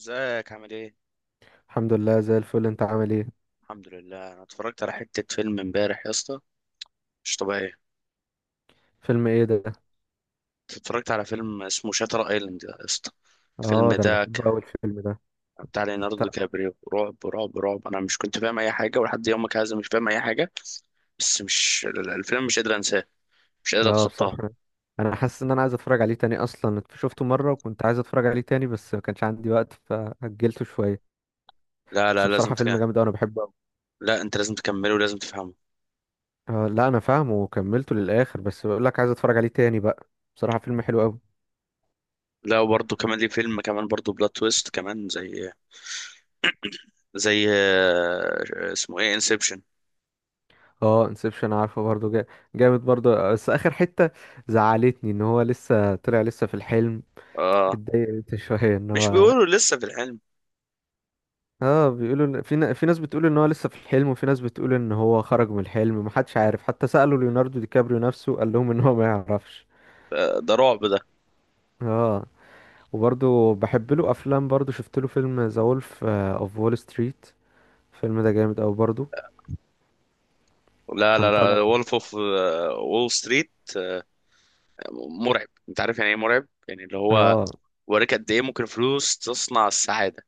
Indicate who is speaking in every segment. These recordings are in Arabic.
Speaker 1: ازيك؟ عامل ايه؟
Speaker 2: الحمد لله زي الفل، انت عامل ايه؟
Speaker 1: الحمد لله، انا اتفرجت على حتة فيلم امبارح يا اسطى. مش طبيعية.
Speaker 2: فيلم ايه ده؟
Speaker 1: اتفرجت على فيلم اسمه شاتر ايلاند يا اسطى. الفيلم
Speaker 2: اه، ده انا
Speaker 1: ده
Speaker 2: بحبه قوي الفيلم ده.
Speaker 1: بتاع ليوناردو دي
Speaker 2: ط-
Speaker 1: كابريو، رعب رعب رعب. انا مش كنت فاهم اي حاجة ولحد يومك هذا مش فاهم اي حاجة. بس مش الفيلم مش قادر انساه. مش قادر
Speaker 2: اه
Speaker 1: اتخطاه.
Speaker 2: بصراحة انا حاسس ان انا عايز اتفرج عليه تاني، اصلا شفته مرة وكنت عايز اتفرج عليه تاني بس ما كانش عندي وقت فأجلته شوية.
Speaker 1: لا
Speaker 2: بس
Speaker 1: لا لازم
Speaker 2: بصراحة فيلم جامد قوي، انا بحبه قوي.
Speaker 1: لا انت لازم تكمله ولازم تفهمه.
Speaker 2: آه لا، انا فاهمه وكملته للاخر بس بقول لك عايز اتفرج عليه تاني بقى. بصراحة فيلم حلو قوي.
Speaker 1: لا وبرضه كمان ليه فيلم كمان برضه بلوت تويست كمان، زي زي اسمه ايه؟ انسبشن.
Speaker 2: اه انسبشن، عارفه برضو جامد برضو، بس اخر حتة زعلتني ان هو لسه طلع، لسه في الحلم.
Speaker 1: اه.
Speaker 2: اتضايقت شوية ان
Speaker 1: مش
Speaker 2: هو.
Speaker 1: بيقولوا لسه في العلم؟
Speaker 2: اه بيقولوا في ناس بتقول ان هو لسه في الحلم، وفي ناس بتقول ان هو خرج من الحلم، محدش عارف، حتى سألوا ليوناردو دي كابريو نفسه قال لهم ان هو ما يعرفش.
Speaker 1: ده رعب ده.
Speaker 2: اه، وبرضه بحب له افلام، برضه شفت له فيلم ذا وولف اوف وول ستريت. الفيلم ده جامد قوي برضه.
Speaker 1: لا لا
Speaker 2: كان طالع.
Speaker 1: لا، وولف اوف وول ستريت مرعب. انت عارف يعني ايه مرعب؟ يعني اللي هو
Speaker 2: اه
Speaker 1: وريك قد ايه ممكن فلوس تصنع السعاده.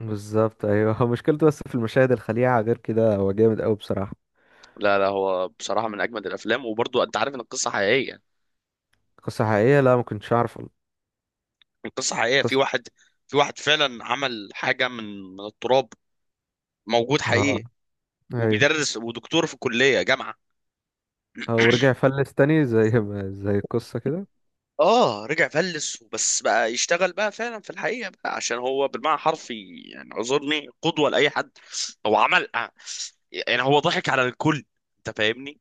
Speaker 2: بالظبط ايوه. هو مشكلته بس في المشاهد الخليعة، غير كده هو جامد قوي بصراحة.
Speaker 1: لا لا، هو بصراحه من اجمد الافلام، وبرضو انت عارف ان القصه حقيقيه.
Speaker 2: قصة حقيقية؟ لا، ما كنتش اعرف.
Speaker 1: القصه حقيقيه، في
Speaker 2: قصة.
Speaker 1: واحد في واحد فعلا عمل حاجه من التراب. موجود
Speaker 2: اه.
Speaker 1: حقيقي.
Speaker 2: ايوه.
Speaker 1: وبيدرس ودكتور في كليه جامعه.
Speaker 2: ورجع فلس تاني زي ما زي القصة كده.
Speaker 1: اه، رجع فلس وبس، بقى يشتغل بقى فعلا في الحقيقه، بقى عشان هو بالمعنى حرفي يعني اعذرني قدوه لاي حد. هو عمل يعني هو ضحك على الكل. انت فاهمني.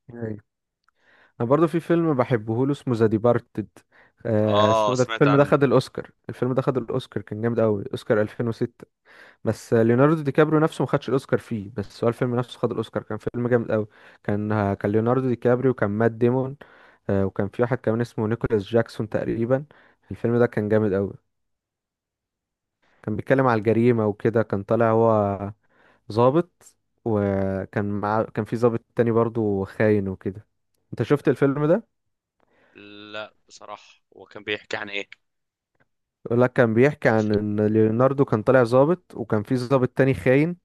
Speaker 2: انا برضو في فيلم بحبه له، اسمه ذا ديبارتد. آه
Speaker 1: اه
Speaker 2: اسمه ده،
Speaker 1: سمعت
Speaker 2: الفيلم ده
Speaker 1: عنه.
Speaker 2: خد الاوسكار، الفيلم ده خد الاوسكار، كان جامد قوي، اوسكار 2006. بس ليوناردو دي كابريو نفسه ما خدش الاوسكار فيه، بس هو الفيلم نفسه خد الاوسكار. كان فيلم جامد قوي. كان كان ليوناردو دي كابريو، وكان مات ديمون. آه، وكان في واحد كمان اسمه نيكولاس جاكسون تقريبا. الفيلم ده كان جامد قوي. كان بيتكلم على الجريمة وكده. كان طالع هو ضابط، وكان مع كان في ضابط تاني برضو خاين وكده. انت شفت الفيلم ده؟
Speaker 1: لا بصراحه، هو كان بيحكي عن ايه؟
Speaker 2: يقول لك كان بيحكي عن ان ليوناردو كان طالع ظابط وكان في ظابط تاني خاين.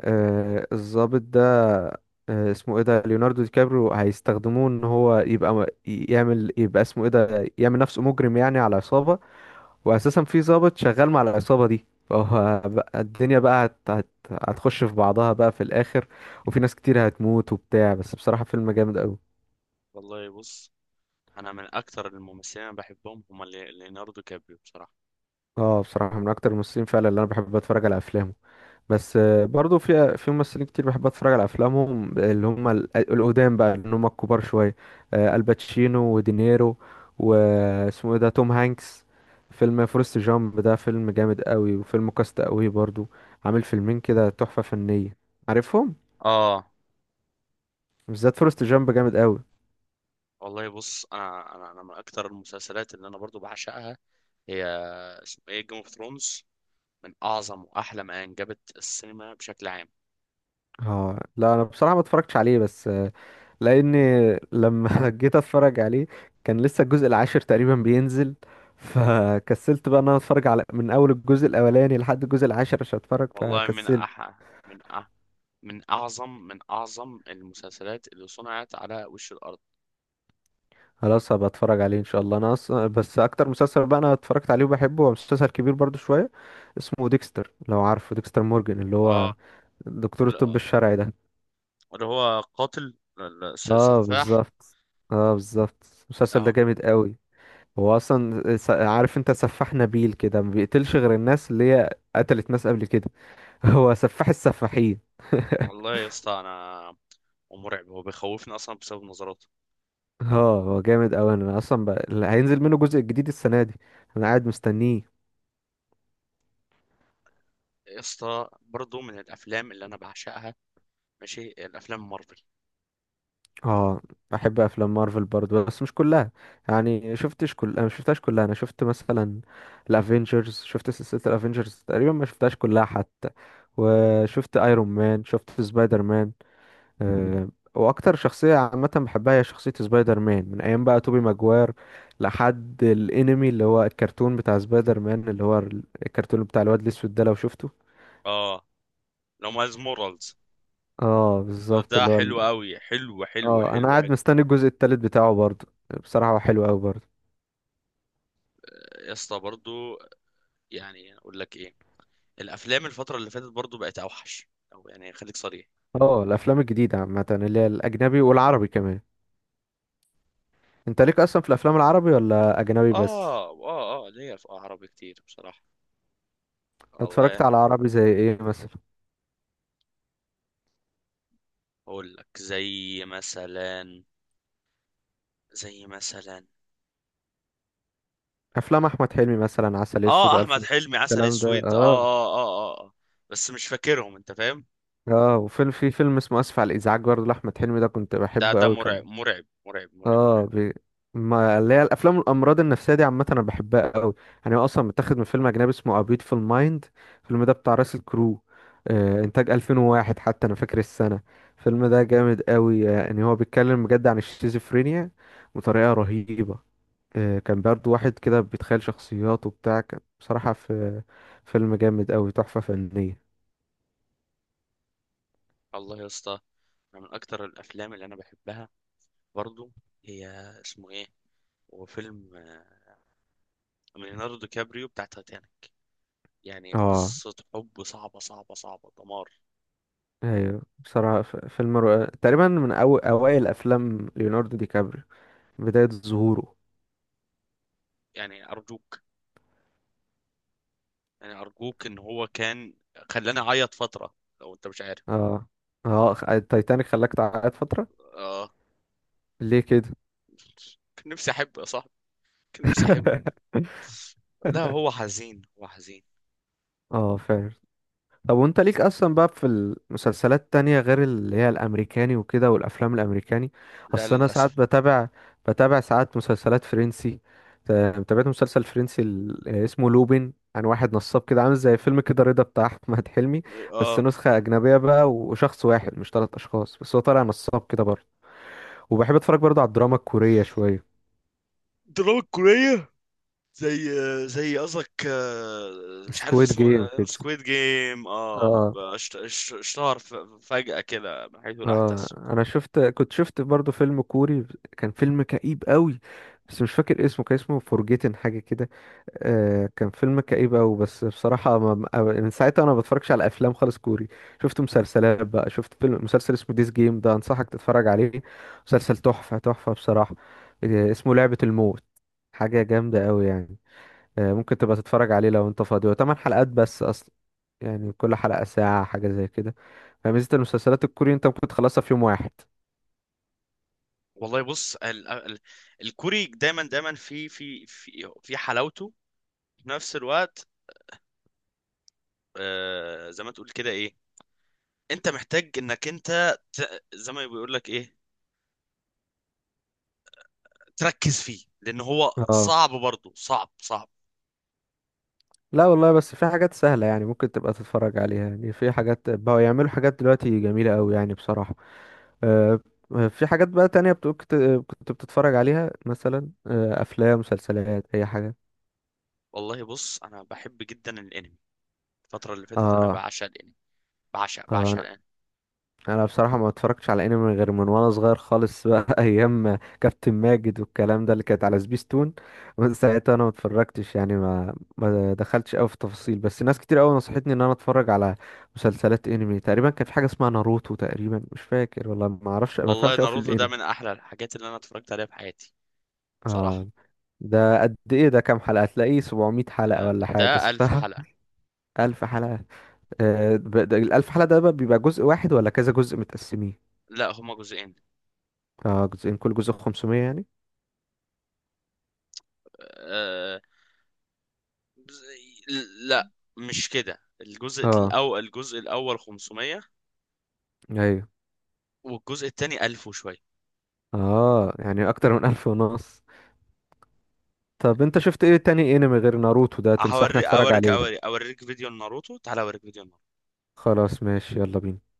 Speaker 2: آه الظابط ده، آه اسمه ايه ده، ليوناردو دي كابريو، هيستخدموه ان هو يبقى يعمل، يبقى اسمه ايه ده، يعمل نفسه مجرم يعني على عصابة. واساسا في ظابط شغال مع العصابة دي، فهو بقى الدنيا بقى هت هت هتخش في بعضها بقى في الاخر، وفي ناس كتير هتموت وبتاع. بس بصراحة فيلم جامد قوي.
Speaker 1: والله بص، انا من اكتر الممثلين اللي بحبهم هم ليوناردو كابريو بصراحه.
Speaker 2: اه بصراحة من اكتر الممثلين فعلا اللي انا بحب اتفرج على افلامه، بس برضو في ممثلين كتير بحب اتفرج على افلامهم، اللي هم القدام بقى، اللي هم الكبار شويه. الباتشينو ودينيرو، واسمه ايه ده توم هانكس. فيلم فورست جامب ده فيلم جامد قوي، وفيلم كاست قوي برضو. عامل فيلمين كده تحفه فنيه. عارفهم؟
Speaker 1: اه.
Speaker 2: بالذات فورست جامب جامد قوي.
Speaker 1: والله بص، انا من اكتر المسلسلات اللي انا برضو بعشقها، هي اسمه ايه، جيم اوف ثرونز. من اعظم واحلى ما انجبت السينما بشكل عام.
Speaker 2: اه لا، انا بصراحه ما اتفرجتش عليه، بس لاني لما جيت اتفرج عليه كان لسه الجزء العاشر تقريبا بينزل، فكسلت بقى ان انا اتفرج على من اول الجزء الاولاني لحد الجزء العاشر عشان اتفرج،
Speaker 1: والله من
Speaker 2: فكسلت.
Speaker 1: من من أعظم من أعظم المسلسلات اللي صنعت على وش الأرض.
Speaker 2: خلاص هبقى اتفرج عليه ان شاء الله. انا اصلا بس اكتر مسلسل بقى انا اتفرجت عليه وبحبه، هو مسلسل كبير برضو شوية، اسمه ديكستر. لو عارفه، ديكستر مورجان اللي
Speaker 1: اه.
Speaker 2: هو دكتور الطب
Speaker 1: لا-
Speaker 2: الشرعي ده.
Speaker 1: اللي هو قاتل،
Speaker 2: اه
Speaker 1: سفاح.
Speaker 2: بالظبط. اه بالظبط. المسلسل ده
Speaker 1: اه.
Speaker 2: جامد قوي. هو اصلا، عارف انت، سفاح نبيل كده، ما بيقتلش غير الناس اللي هي قتلت ناس قبل كده. هو سفاح السفاحين.
Speaker 1: والله يا اسطى أنا، ومرعب، هو بيخوفني أصلا بسبب نظراته.
Speaker 2: اه هو جامد قوي انا اصلا هينزل منه جزء جديد السنه دي، انا قاعد مستنيه.
Speaker 1: يا اسطى برضه من الأفلام اللي أنا بعشقها ماشي، الأفلام مارفل.
Speaker 2: اه بحب افلام مارفل برضه بس مش كلها، يعني شفتش كل، انا شفتهاش كلها. انا شفت مثلا الافينجرز، شفت سلسله الافينجرز تقريبا، ما شفتهاش كلها حتى. وشفت ايرون مان، شفت سبايدر مان. آه، واكتر شخصيه عامه بحبها هي شخصيه سبايدر مان، من ايام بقى توبي ماجواير لحد الانمي اللي هو الكرتون بتاع سبايدر مان، اللي هو الكرتون بتاع الواد الاسود ده. لو شفته.
Speaker 1: اه. لو مايلز مورالز،
Speaker 2: اه بالظبط
Speaker 1: ده
Speaker 2: اللي هو
Speaker 1: حلو قوي، حلو حلو
Speaker 2: اه انا
Speaker 1: حلو
Speaker 2: قاعد
Speaker 1: حلو.
Speaker 2: مستني الجزء التالت بتاعه برضه. بصراحه هو حلو قوي برضه.
Speaker 1: يا اسطى برضه، يعني أقول لك إيه، الأفلام الفترة اللي فاتت برضه بقت أوحش. أو يعني خليك صريح.
Speaker 2: اه الافلام الجديده عامه، اللي هي الاجنبي والعربي كمان. انت
Speaker 1: لا.
Speaker 2: ليك اصلا في الافلام العربي، ولا اجنبي بس؟
Speaker 1: اه اه اه، ليا في عربي كتير بصراحة.
Speaker 2: اتفرجت
Speaker 1: والله
Speaker 2: على عربي زي ايه مثلا؟
Speaker 1: اقول لك زي مثلا، زي مثلا.
Speaker 2: افلام احمد حلمي مثلا، عسل اسود
Speaker 1: اه،
Speaker 2: والف
Speaker 1: احمد حلمي، عسل
Speaker 2: الكلام ده،
Speaker 1: اسود، اه
Speaker 2: اه
Speaker 1: اه اه اه بس مش فاكرهم، انت فاهم.
Speaker 2: اه. وفيلم، في فيلم اسمه اسف على الازعاج برضه لاحمد حلمي، ده كنت
Speaker 1: ده
Speaker 2: بحبه
Speaker 1: ده
Speaker 2: قوي كان.
Speaker 1: مرعب مرعب مرعب مرعب مرعب.
Speaker 2: اه ما اللي هي الافلام الامراض النفسيه دي عامه انا بحبها قوي. يعني هو اصلا متاخد من فيلم اجنبي اسمه A Beautiful Mind، الفيلم ده بتاع راسل كرو. آه انتاج 2001، حتى انا فاكر السنه. الفيلم ده جامد قوي. يعني هو بيتكلم بجد عن الشيزوفرينيا بطريقه رهيبه. آه كان برضه واحد كده بيتخيل شخصيات وبتاع، كان بصراحه في، فيلم جامد قوي، تحفه فنيه.
Speaker 1: الله يا اسطى، أنا من اكتر الافلام اللي انا بحبها برضو، هي اسمه ايه، هو فيلم من ليوناردو كابريو، بتاع تايتانيك. يعني
Speaker 2: اه
Speaker 1: قصة حب صعبة صعبة صعبة، دمار.
Speaker 2: ايوه بصراحة فيلم رائع، تقريبا من اوائل افلام ليوناردو دي كابريو، بداية ظهوره.
Speaker 1: يعني أرجوك، يعني ارجوك ان هو كان خلاني اعيط فتره، لو انت مش عارف.
Speaker 2: اه اه، التايتانيك خلاك تعيط فترة؟
Speaker 1: اه.
Speaker 2: ليه كده؟
Speaker 1: كان نفسي احب يا صاحبي، كان نفسي احب. لا هو حزين، هو حزين.
Speaker 2: اه فعلا. طب وانت ليك اصلا بقى في المسلسلات التانية غير اللي هي الامريكاني وكده والافلام الامريكاني؟
Speaker 1: لا
Speaker 2: اصل انا ساعات
Speaker 1: للاسف.
Speaker 2: بتابع، ساعات مسلسلات فرنسي. تابعت مسلسل فرنسي اسمه لوبين، عن واحد نصاب كده، عامل زي فيلم كده رضا بتاع احمد حلمي، بس
Speaker 1: اه،
Speaker 2: نسخة اجنبية بقى وشخص واحد مش ثلاث اشخاص، بس هو طالع نصاب كده برضه. وبحب اتفرج برضه على الدراما الكورية شوية،
Speaker 1: دراما كورية؟ زي زي قصدك مش عارف
Speaker 2: سكويد
Speaker 1: اسمه،
Speaker 2: جيم كده.
Speaker 1: سكويد جيم. اه، اشتهر فجأة كده من حيث لا
Speaker 2: اه
Speaker 1: يحتسب.
Speaker 2: انا شفت، كنت شفت برضو فيلم كوري، كان فيلم كئيب قوي بس مش فاكر اسمه، كان اسمه فورجيتن حاجه كده. آه كان فيلم كئيب قوي. بس بصراحه من ساعتها انا ما بتفرجش على افلام خالص كوري. شفت مسلسلات بقى، شفت فيلم مسلسل اسمه ديس جيم، ده انصحك تتفرج عليه، مسلسل تحفه تحفه بصراحه. آه اسمه لعبه الموت، حاجه جامده قوي يعني. آه ممكن تبقى تتفرج عليه لو انت فاضي، هو 8 حلقات بس اصلا، يعني كل حلقه ساعه حاجه زي كده، فميزة المسلسلات الكوري انت ممكن تخلصها في يوم واحد.
Speaker 1: والله بص، ال الكوري دايما دايما في حلاوته. في نفس الوقت زي ما تقول كده ايه، انت محتاج انك زي ما بيقول لك ايه، تركز فيه لان هو
Speaker 2: اه
Speaker 1: صعب برضه، صعب صعب.
Speaker 2: لا والله، بس في حاجات سهلة يعني ممكن تبقى تتفرج عليها. يعني في حاجات بقوا يعملوا حاجات دلوقتي جميلة أوي يعني بصراحة. آه في حاجات بقى تانية كنت، بتتفرج عليها مثلا، آه أفلام، مسلسلات، أي حاجة.
Speaker 1: والله بص، انا بحب جدا الانمي. الفتره اللي فاتت انا
Speaker 2: اه
Speaker 1: بعشق الانمي، بعشق
Speaker 2: آه،
Speaker 1: الانمي.
Speaker 2: انا بصراحه ما اتفرجتش على انمي غير من وانا صغير خالص بقى، ايام كابتن ماجد والكلام ده اللي كانت على سبيستون. من ساعتها انا ما اتفرجتش، يعني ما دخلتش قوي في التفاصيل، بس ناس كتير قوي نصحتني ان انا اتفرج على مسلسلات انمي. تقريبا كان في حاجه اسمها ناروتو تقريبا، مش فاكر والله، ما اعرفش، ما
Speaker 1: والله
Speaker 2: فهمش قوي في
Speaker 1: ناروتو ده من
Speaker 2: الانمي.
Speaker 1: احلى الحاجات اللي انا اتفرجت عليها في حياتي، بصراحه.
Speaker 2: اه ده قد ايه؟ ده كام حلقه؟ تلاقيه 700 حلقه ولا حاجه،
Speaker 1: ده ألف
Speaker 2: صح؟
Speaker 1: حلقه.
Speaker 2: 1000 حلقه. آه ده 1000 حلقة ده بقى بيبقى جزء واحد، ولا كذا جزء متقسمين؟
Speaker 1: لا، هما جزئين.
Speaker 2: اه جزئين، كل جزء 500 يعني.
Speaker 1: آه، جزء- لا مش كده، الجزء
Speaker 2: اه
Speaker 1: الاول، الجزء الاول 500،
Speaker 2: ايوه.
Speaker 1: والجزء الثاني 1000 وشويه.
Speaker 2: اه يعني اكتر من 1500. طب انت شفت ايه تاني انمي غير ناروتو ده تنصحني
Speaker 1: هوريك
Speaker 2: اتفرج
Speaker 1: اوريك
Speaker 2: عليه؟
Speaker 1: اوريك اوريك فيديو، ناروتو، تعالى اوريك فيديو.
Speaker 2: خلاص ماشي، يلا بينا.